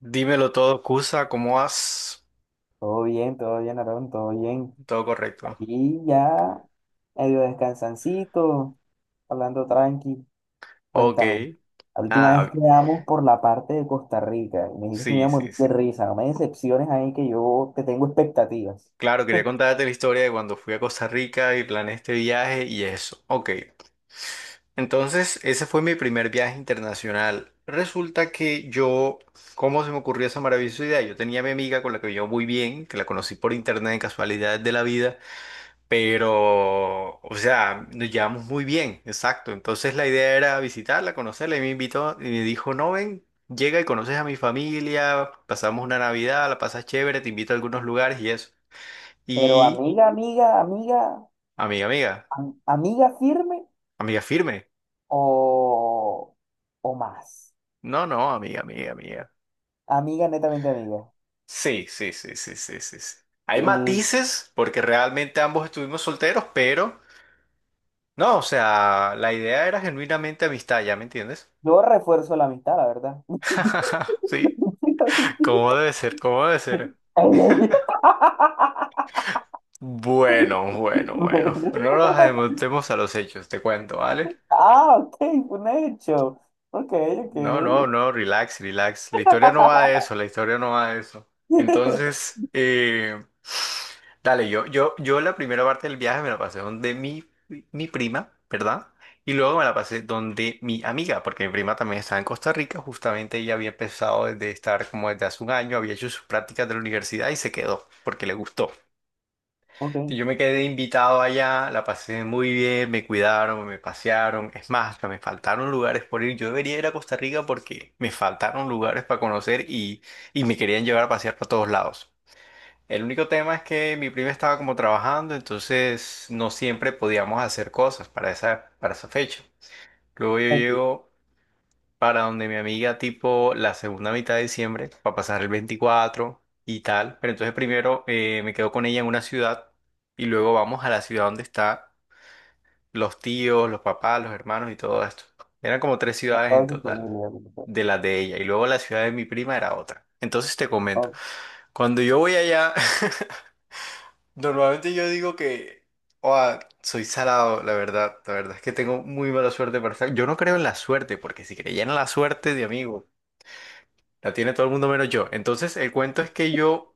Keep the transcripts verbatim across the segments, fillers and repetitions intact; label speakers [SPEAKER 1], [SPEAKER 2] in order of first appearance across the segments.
[SPEAKER 1] Dímelo todo, Cusa, ¿cómo vas?
[SPEAKER 2] Todo bien, todo bien, Aarón, todo bien.
[SPEAKER 1] Todo correcto.
[SPEAKER 2] Aquí ya medio descansancito, hablando tranqui.
[SPEAKER 1] Ok.
[SPEAKER 2] Cuéntame, la última vez
[SPEAKER 1] Ah,
[SPEAKER 2] quedamos por la parte de Costa Rica y me dijiste que me iba
[SPEAKER 1] sí,
[SPEAKER 2] a morir
[SPEAKER 1] sí,
[SPEAKER 2] de
[SPEAKER 1] sí.
[SPEAKER 2] risa. No me decepciones ahí que yo te tengo expectativas.
[SPEAKER 1] Claro, quería contarte la historia de cuando fui a Costa Rica y planeé este viaje y eso. Ok. Entonces, ese fue mi primer viaje internacional. Resulta que yo, ¿cómo se me ocurrió esa maravillosa idea? Yo tenía a mi amiga con la que yo muy bien, que la conocí por internet en casualidades de la vida. Pero, o sea, nos llevamos muy bien, exacto. Entonces la idea era visitarla, conocerla, y me invitó y me dijo, no, ven, llega y conoces a mi familia, pasamos una Navidad, la pasas chévere, te invito a algunos lugares y eso.
[SPEAKER 2] Pero
[SPEAKER 1] Y,
[SPEAKER 2] amiga, amiga, amiga,
[SPEAKER 1] amiga, amiga,
[SPEAKER 2] am- amiga firme
[SPEAKER 1] amiga firme.
[SPEAKER 2] o, o más.
[SPEAKER 1] No, no, amiga, amiga, amiga.
[SPEAKER 2] Amiga, netamente amiga.
[SPEAKER 1] Sí, sí, sí, sí, sí, sí, sí. Hay
[SPEAKER 2] Mm.
[SPEAKER 1] matices porque realmente ambos estuvimos solteros, pero no, o sea, la idea era genuinamente amistad, ¿ya me entiendes?
[SPEAKER 2] Yo refuerzo la amistad, la verdad.
[SPEAKER 1] Sí,
[SPEAKER 2] Mentira,
[SPEAKER 1] ¿cómo debe ser? ¿Cómo debe ser?
[SPEAKER 2] mentira.
[SPEAKER 1] Bueno, bueno, bueno. No nos adelantemos a los hechos, te cuento, ¿vale?
[SPEAKER 2] Ah, ok, fue un hecho. Ok,
[SPEAKER 1] No, no,
[SPEAKER 2] ok.
[SPEAKER 1] no, relax, relax. La historia no va de eso, la historia no va de eso. Entonces, eh, dale, yo, yo, yo la primera parte del viaje me la pasé donde mi, mi prima, ¿verdad? Y luego me la pasé donde mi amiga, porque mi prima también estaba en Costa Rica, justamente ella había empezado desde estar como desde hace un año, había hecho sus prácticas de la universidad y se quedó, porque le gustó.
[SPEAKER 2] Ok,
[SPEAKER 1] Yo me quedé invitado allá, la pasé muy bien, me cuidaron, me pasearon. Es más, hasta me faltaron lugares por ir. Yo debería ir a Costa Rica porque me faltaron lugares para conocer y, y me querían llevar a pasear por todos lados. El único tema es que mi prima estaba como trabajando, entonces no siempre podíamos hacer cosas para esa, para esa fecha. Luego yo
[SPEAKER 2] aquí,
[SPEAKER 1] llego para donde mi amiga tipo la segunda mitad de diciembre, para pasar el veinticuatro y tal. Pero entonces primero eh, me quedo con ella en una ciudad y luego vamos a la ciudad donde están los tíos, los papás, los hermanos y todo esto. Eran como tres
[SPEAKER 2] a
[SPEAKER 1] ciudades en
[SPEAKER 2] toda su
[SPEAKER 1] total,
[SPEAKER 2] familia.
[SPEAKER 1] de las de ella. Y luego la ciudad de mi prima era otra. Entonces te comento,
[SPEAKER 2] Ok.
[SPEAKER 1] cuando yo voy allá, normalmente yo digo que... "Oa, soy salado, la verdad. La verdad es que tengo muy mala suerte para estar. Yo no creo en la suerte, porque si creyera en la suerte de amigo, la tiene todo el mundo menos yo". Entonces, el cuento es que yo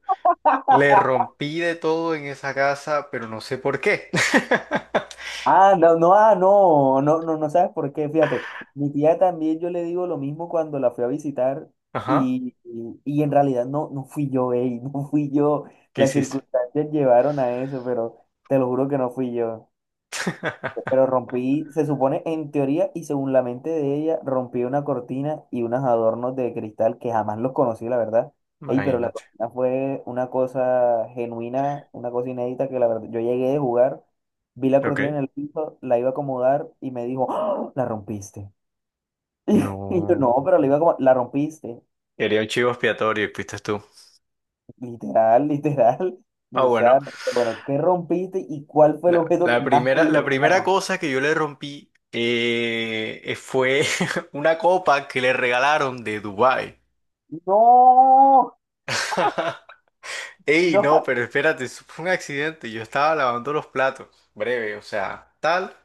[SPEAKER 1] le rompí de todo en esa casa, pero no sé por qué.
[SPEAKER 2] Ah, no, no, ah, no, no, no, no sabes por qué, fíjate. Mi tía también yo le digo lo mismo cuando la fui a visitar
[SPEAKER 1] Ajá.
[SPEAKER 2] y, y, y en realidad no, no fui yo, ey, no fui yo.
[SPEAKER 1] ¿Qué
[SPEAKER 2] Las
[SPEAKER 1] hiciste?
[SPEAKER 2] circunstancias llevaron a eso, pero te lo juro que no fui yo. Pero rompí, se supone en teoría y según la mente de ella, rompí una cortina y unos adornos de cristal que jamás los conocí, la verdad. Ey, pero la
[SPEAKER 1] Imagínate.
[SPEAKER 2] cortina fue una cosa genuina, una cosa inédita que la verdad, yo llegué de jugar, vi la cortina en
[SPEAKER 1] Ok.
[SPEAKER 2] el piso, la iba a acomodar y me dijo, "¡Ah! La rompiste". Y yo,
[SPEAKER 1] No.
[SPEAKER 2] no, pero la iba como, la rompiste.
[SPEAKER 1] Quería un chivo expiatorio y fuiste tú.
[SPEAKER 2] Literal, literal, me
[SPEAKER 1] Ah, bueno.
[SPEAKER 2] usaron. Bueno, ¿qué rompiste y cuál fue el
[SPEAKER 1] No,
[SPEAKER 2] objeto que
[SPEAKER 1] La
[SPEAKER 2] más te
[SPEAKER 1] primera, la
[SPEAKER 2] dio que la
[SPEAKER 1] primera
[SPEAKER 2] rompiste?
[SPEAKER 1] cosa que yo le rompí eh, eh, fue una copa que le regalaron de Dubái.
[SPEAKER 2] No,
[SPEAKER 1] Ey, no,
[SPEAKER 2] no.
[SPEAKER 1] pero espérate, eso fue un accidente. Yo estaba lavando los platos, breve, o sea, tal.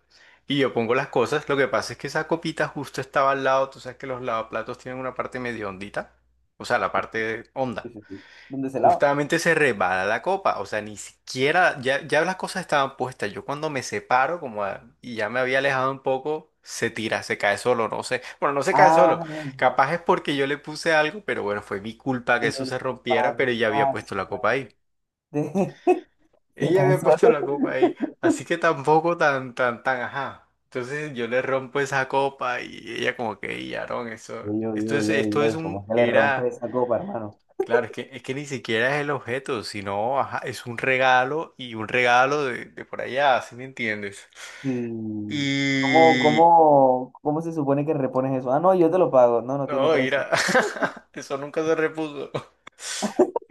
[SPEAKER 1] Y yo pongo las cosas. Lo que pasa es que esa copita justo estaba al lado. Tú sabes que los lavaplatos tienen una parte medio hondita. O sea, la parte
[SPEAKER 2] Sí,
[SPEAKER 1] honda.
[SPEAKER 2] sí, sí. ¿Dónde se lava?
[SPEAKER 1] Justamente se resbala la copa. O sea, ni siquiera, ya, ya las cosas estaban puestas. Yo cuando me separo, como a- y ya me había alejado un poco, se tira, se cae solo, no sé. Bueno, no se cae solo.
[SPEAKER 2] Ah,
[SPEAKER 1] Capaz es porque yo le puse algo, pero bueno, fue mi culpa que eso
[SPEAKER 2] el
[SPEAKER 1] se rompiera, pero ya había puesto la
[SPEAKER 2] fantasma
[SPEAKER 1] copa ahí.
[SPEAKER 2] de, de
[SPEAKER 1] Ella había puesto
[SPEAKER 2] Cazuelo.
[SPEAKER 1] la copa ahí, así que tampoco tan, tan, tan, ajá. Entonces yo le rompo esa copa y ella como que, y Aarón, eso,
[SPEAKER 2] Ey, ey,
[SPEAKER 1] esto
[SPEAKER 2] ey,
[SPEAKER 1] es,
[SPEAKER 2] ey,
[SPEAKER 1] esto es
[SPEAKER 2] ey, ¿cómo
[SPEAKER 1] un,
[SPEAKER 2] es que le rompe
[SPEAKER 1] era,
[SPEAKER 2] esa copa, hermano?
[SPEAKER 1] claro, es que, es que ni siquiera es el objeto, sino, ajá, es un regalo y un regalo de, de por allá, ¿sí me entiendes?
[SPEAKER 2] Sí. ¿Cómo,
[SPEAKER 1] Y,
[SPEAKER 2] cómo, cómo se supone que repones eso? Ah, no, yo te lo pago. No, no tiene
[SPEAKER 1] no,
[SPEAKER 2] precio.
[SPEAKER 1] mira, eso nunca se repuso.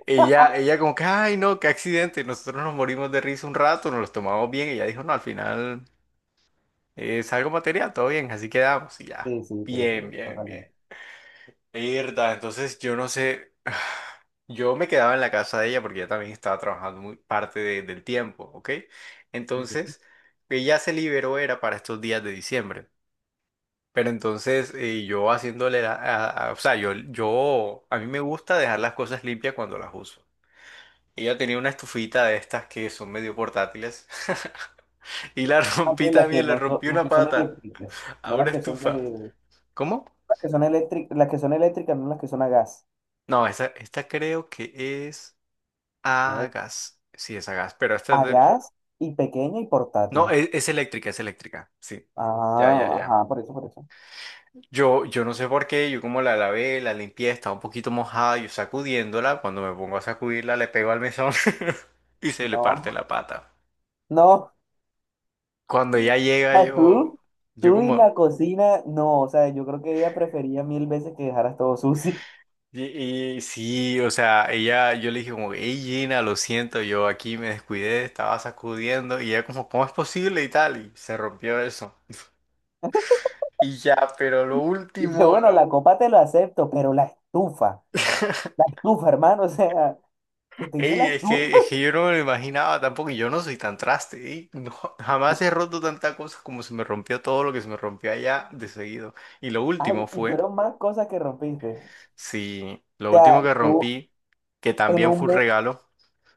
[SPEAKER 1] Ella, ella como que, ay, no, qué accidente, nosotros nos morimos de risa un rato, nos los tomamos bien, y ella dijo, no, al final... Es algo material, todo bien, así quedamos y ya.
[SPEAKER 2] Sí, sí, pero,
[SPEAKER 1] Bien,
[SPEAKER 2] pero,
[SPEAKER 1] bien, bien.
[SPEAKER 2] totalmente.
[SPEAKER 1] Irda, entonces yo no sé, yo me quedaba en la casa de ella porque ella también estaba trabajando muy parte de- del tiempo, ¿ok? Entonces, ella se liberó era para estos días de diciembre. Pero entonces eh, yo haciéndole, la- a- a- o sea, yo, yo, a mí me gusta dejar las cosas limpias cuando las uso. Ella tenía una estufita de estas que son medio portátiles y la
[SPEAKER 2] Ah, sí,
[SPEAKER 1] rompí
[SPEAKER 2] las que
[SPEAKER 1] también, le
[SPEAKER 2] no son,
[SPEAKER 1] rompí
[SPEAKER 2] las
[SPEAKER 1] una
[SPEAKER 2] que son
[SPEAKER 1] pata
[SPEAKER 2] eléctricas,
[SPEAKER 1] a
[SPEAKER 2] no
[SPEAKER 1] una
[SPEAKER 2] las que son
[SPEAKER 1] estufa.
[SPEAKER 2] de,
[SPEAKER 1] ¿Cómo?
[SPEAKER 2] las que son eléctricas, las que son eléctricas, no las que son a gas.
[SPEAKER 1] No, esta, esta creo que es
[SPEAKER 2] ¿No?
[SPEAKER 1] a gas. Sí, es a gas, pero esta es
[SPEAKER 2] A
[SPEAKER 1] de...
[SPEAKER 2] gas y pequeña y
[SPEAKER 1] No,
[SPEAKER 2] portátil.
[SPEAKER 1] es, es eléctrica, es eléctrica. Sí. Ya,
[SPEAKER 2] Ah,
[SPEAKER 1] ya, ya.
[SPEAKER 2] ajá, por eso, por eso.
[SPEAKER 1] Yo, yo no sé por qué, yo como la lavé, la limpié, estaba un poquito mojada, yo sacudiéndola, cuando me pongo a sacudirla le pego al mesón y se le parte
[SPEAKER 2] No,
[SPEAKER 1] la pata.
[SPEAKER 2] no.
[SPEAKER 1] Cuando ella llega,
[SPEAKER 2] Ah,
[SPEAKER 1] yo,
[SPEAKER 2] Tú,
[SPEAKER 1] yo
[SPEAKER 2] tú y
[SPEAKER 1] como,
[SPEAKER 2] la cocina, no, o sea, yo creo que ella prefería mil veces que dejaras todo sucio.
[SPEAKER 1] y, y sí, o sea, ella, yo le dije como, hey Gina, lo siento, yo aquí me descuidé, estaba sacudiendo y ella como, ¿cómo es posible y tal? Y se rompió eso. Y ya, pero lo
[SPEAKER 2] Y que
[SPEAKER 1] último,
[SPEAKER 2] bueno,
[SPEAKER 1] lo...
[SPEAKER 2] la copa te lo acepto, pero la estufa, la estufa, hermano, o sea, que te hizo
[SPEAKER 1] Ey,
[SPEAKER 2] la
[SPEAKER 1] es
[SPEAKER 2] estufa.
[SPEAKER 1] que, es que yo no me lo imaginaba tampoco, y yo no soy tan traste, ey, no, jamás he roto tanta cosa como se me rompió todo lo que se me rompió allá de seguido. Y lo
[SPEAKER 2] Ay,
[SPEAKER 1] último
[SPEAKER 2] y
[SPEAKER 1] fue,
[SPEAKER 2] fueron más cosas que rompiste. O
[SPEAKER 1] sí, lo último
[SPEAKER 2] sea,
[SPEAKER 1] que
[SPEAKER 2] tú
[SPEAKER 1] rompí, que
[SPEAKER 2] en
[SPEAKER 1] también
[SPEAKER 2] un
[SPEAKER 1] fue un
[SPEAKER 2] mes,
[SPEAKER 1] regalo,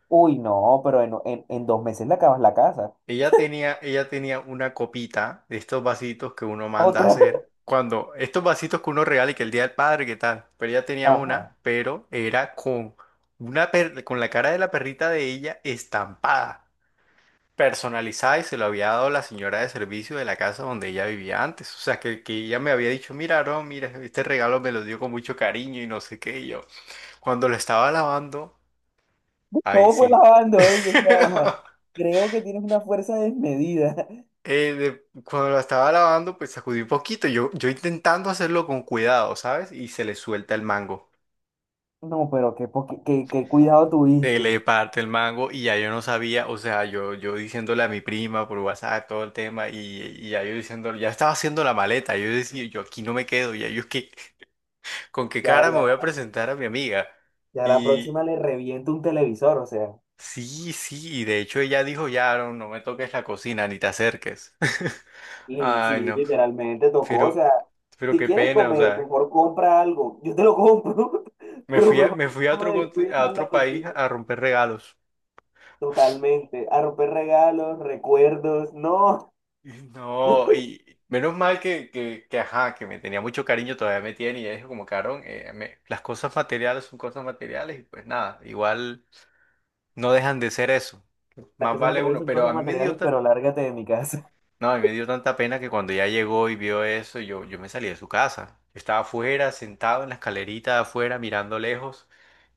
[SPEAKER 2] uy, no, pero en, en, en dos meses le acabas la casa.
[SPEAKER 1] Ella tenía, ella tenía una copita de estos vasitos que uno manda a
[SPEAKER 2] Otra,
[SPEAKER 1] hacer. Cuando, estos vasitos que uno regala y que el Día del Padre, ¿qué tal? Pero ella tenía una,
[SPEAKER 2] ajá.
[SPEAKER 1] pero era con una per- con la cara de la perrita de ella estampada, personalizada y se lo había dado la señora de servicio de la casa donde ella vivía antes. O sea, que, que ella me había dicho, mira, no, mira, este regalo me lo dio con mucho cariño y no sé qué. Y yo, cuando lo estaba lavando, ahí
[SPEAKER 2] Todo fue
[SPEAKER 1] sí.
[SPEAKER 2] lavando ellos, o sea, creo que tienes una fuerza desmedida.
[SPEAKER 1] eh, de- cuando la estaba lavando, pues sacudí un poquito. Yo, yo intentando hacerlo con cuidado, ¿sabes? Y se le suelta el mango.
[SPEAKER 2] No, pero qué, poqui- qué, qué cuidado
[SPEAKER 1] Se
[SPEAKER 2] tuviste.
[SPEAKER 1] le parte el mango y ya yo no sabía, o sea, yo, yo diciéndole a mi prima por WhatsApp todo el tema y, y ya yo diciéndole, ya estaba haciendo la maleta. Yo decía, yo aquí no me quedo, ya yo es que, ¿con qué
[SPEAKER 2] Ya,
[SPEAKER 1] cara me voy a
[SPEAKER 2] ya,
[SPEAKER 1] presentar a mi amiga?
[SPEAKER 2] ya la
[SPEAKER 1] Y
[SPEAKER 2] próxima le reviento un televisor, o sea.
[SPEAKER 1] sí, sí, y de hecho ella dijo, ya, no, no me toques la cocina, ni te acerques.
[SPEAKER 2] Y
[SPEAKER 1] Ay,
[SPEAKER 2] sí,
[SPEAKER 1] no,
[SPEAKER 2] literalmente tocó, o
[SPEAKER 1] pero,
[SPEAKER 2] sea,
[SPEAKER 1] pero
[SPEAKER 2] si
[SPEAKER 1] qué
[SPEAKER 2] quieres
[SPEAKER 1] pena, o
[SPEAKER 2] comer,
[SPEAKER 1] sea.
[SPEAKER 2] mejor compra algo. Yo te lo compro,
[SPEAKER 1] Me
[SPEAKER 2] pero
[SPEAKER 1] fui
[SPEAKER 2] por
[SPEAKER 1] a,
[SPEAKER 2] favor
[SPEAKER 1] me fui a
[SPEAKER 2] no
[SPEAKER 1] otro,
[SPEAKER 2] me
[SPEAKER 1] conti-
[SPEAKER 2] descuides
[SPEAKER 1] a
[SPEAKER 2] más la
[SPEAKER 1] otro país
[SPEAKER 2] cocina.
[SPEAKER 1] a romper regalos.
[SPEAKER 2] Totalmente. A romper regalos, recuerdos, no.
[SPEAKER 1] Y no, y menos mal que, que, que, ajá, que me tenía mucho cariño, todavía me tiene, y ya dijo como, cabrón, eh, me- las cosas materiales son cosas materiales, y pues nada, igual no dejan de ser eso.
[SPEAKER 2] Las
[SPEAKER 1] Más
[SPEAKER 2] cosas
[SPEAKER 1] vale
[SPEAKER 2] materiales
[SPEAKER 1] uno,
[SPEAKER 2] son
[SPEAKER 1] pero
[SPEAKER 2] cosas
[SPEAKER 1] a mí me dio,
[SPEAKER 2] materiales,
[SPEAKER 1] ta-
[SPEAKER 2] pero lárgate de mi casa.
[SPEAKER 1] no, a mí me dio tanta pena que cuando ya llegó y vio eso, yo, yo me salí de su casa. Yo estaba afuera, sentado en la escalerita de afuera, mirando lejos.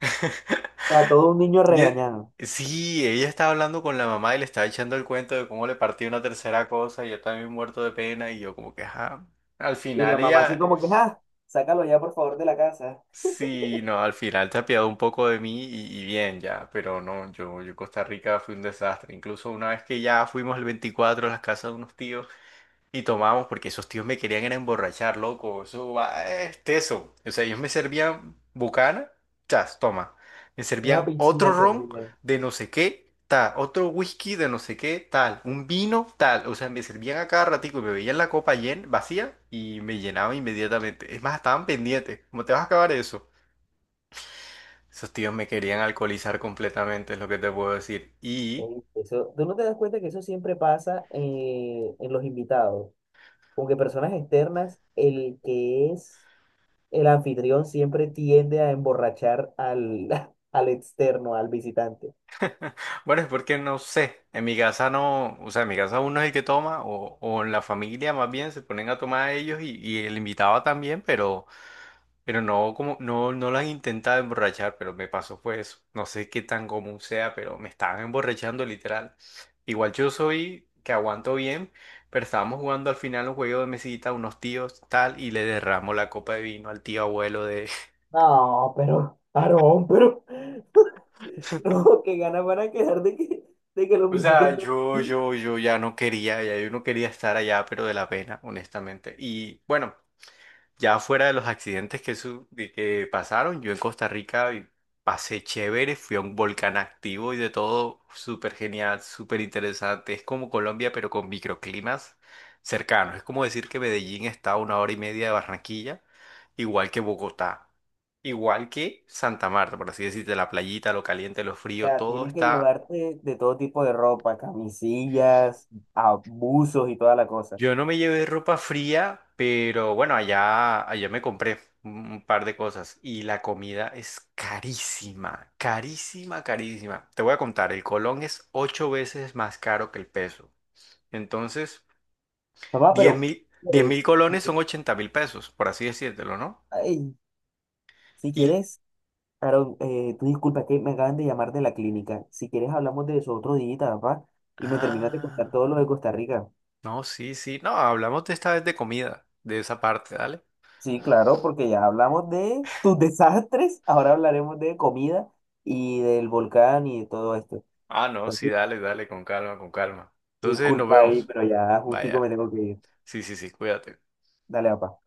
[SPEAKER 2] O sea, todo un niño
[SPEAKER 1] Y e-
[SPEAKER 2] regañado.
[SPEAKER 1] Sí, ella estaba hablando con la mamá y le estaba echando el cuento de cómo le partió una tercera cosa y yo también muerto de pena y yo como que, ajá, al
[SPEAKER 2] Y la
[SPEAKER 1] final
[SPEAKER 2] mamá así
[SPEAKER 1] ella,
[SPEAKER 2] como que, ah, sácalo ya por favor de la casa.
[SPEAKER 1] sí, no, al final se apiadó un poco de mí y, y bien ya, pero no, yo, yo Costa Rica fue un desastre, incluso una vez que ya fuimos el veinticuatro a las casas de unos tíos. Y tomábamos porque esos tíos me querían era emborrachar, loco. Eso va, es teso. O sea, ellos me servían bucana, chas, toma. Me
[SPEAKER 2] Una
[SPEAKER 1] servían otro
[SPEAKER 2] piscina
[SPEAKER 1] ron
[SPEAKER 2] servía.
[SPEAKER 1] de no sé qué, tal. Otro whisky de no sé qué, tal. Un vino, tal. O sea, me servían a cada ratico. Me veían la copa llen, vacía y me llenaba inmediatamente. Es más, estaban pendientes. ¿Cómo te vas a acabar eso? Esos tíos me querían alcoholizar completamente, es lo que te puedo decir. Y
[SPEAKER 2] Ey, eso, tú no te das cuenta que eso siempre pasa eh, en los invitados. Como que personas externas, el que es el anfitrión siempre tiende a emborrachar al, al externo, al visitante.
[SPEAKER 1] bueno, es porque no sé, en mi casa no, o sea, en mi casa uno es el que toma, o, o en la familia más bien se ponen a tomar ellos y, y el invitado también, pero, pero no, como, no, no lo han intentado emborrachar, pero me pasó fue eso. No sé qué tan común sea, pero me estaban emborrachando literal. Igual yo soy que aguanto bien, pero estábamos jugando al final un juego de mesita, unos tíos, tal, y le derramo la copa de vino al tío abuelo de.
[SPEAKER 2] No, pero, Aarón, pero, no, que ganas van a quedar de que, de que los
[SPEAKER 1] O
[SPEAKER 2] visites.
[SPEAKER 1] sea,
[SPEAKER 2] No.
[SPEAKER 1] yo, yo, yo ya no quería, ya yo no quería estar allá, pero de la pena, honestamente. Y bueno, ya fuera de los accidentes que, su- de que pasaron, yo en Costa Rica y pasé chévere, fui a un volcán activo y de todo, súper genial, súper interesante. Es como Colombia, pero con microclimas cercanos. Es como decir que Medellín está a una hora y media de Barranquilla, igual que Bogotá. Igual que Santa Marta, por así decirte, la playita, lo caliente, lo
[SPEAKER 2] O
[SPEAKER 1] frío,
[SPEAKER 2] sea,
[SPEAKER 1] todo
[SPEAKER 2] tienes que
[SPEAKER 1] está.
[SPEAKER 2] llevarte de todo tipo de ropa, camisillas, abusos y toda la cosa.
[SPEAKER 1] Yo no me llevé ropa fría, pero bueno, allá, allá me compré un un par de cosas y la comida es carísima, carísima, carísima. Te voy a contar, el colón es ocho veces más caro que el peso. Entonces,
[SPEAKER 2] Papá,
[SPEAKER 1] diez
[SPEAKER 2] pero,
[SPEAKER 1] mil,
[SPEAKER 2] ¿si
[SPEAKER 1] diez mil
[SPEAKER 2] quieres?
[SPEAKER 1] colones
[SPEAKER 2] eh,
[SPEAKER 1] son ochenta mil pesos, por así decírtelo, ¿no?
[SPEAKER 2] Ay, si
[SPEAKER 1] Y...
[SPEAKER 2] quieres. Aaron, eh, tú disculpa, es que me acaban de llamar de la clínica. Si quieres hablamos de eso otro día, papá, y me terminas de contar
[SPEAKER 1] Ah,
[SPEAKER 2] todo lo de Costa Rica.
[SPEAKER 1] no, sí, sí, no, hablamos de esta vez de comida, de esa parte, dale.
[SPEAKER 2] Sí, claro, porque ya hablamos de tus desastres, ahora hablaremos de comida y del volcán y de todo esto.
[SPEAKER 1] Ah, no, sí,
[SPEAKER 2] Entonces,
[SPEAKER 1] dale, dale, con calma, con calma. Entonces, nos
[SPEAKER 2] disculpa ahí,
[SPEAKER 1] vemos.
[SPEAKER 2] pero ya justico me
[SPEAKER 1] Vaya.
[SPEAKER 2] tengo que ir.
[SPEAKER 1] Sí, sí, sí, cuídate.
[SPEAKER 2] Dale, papá.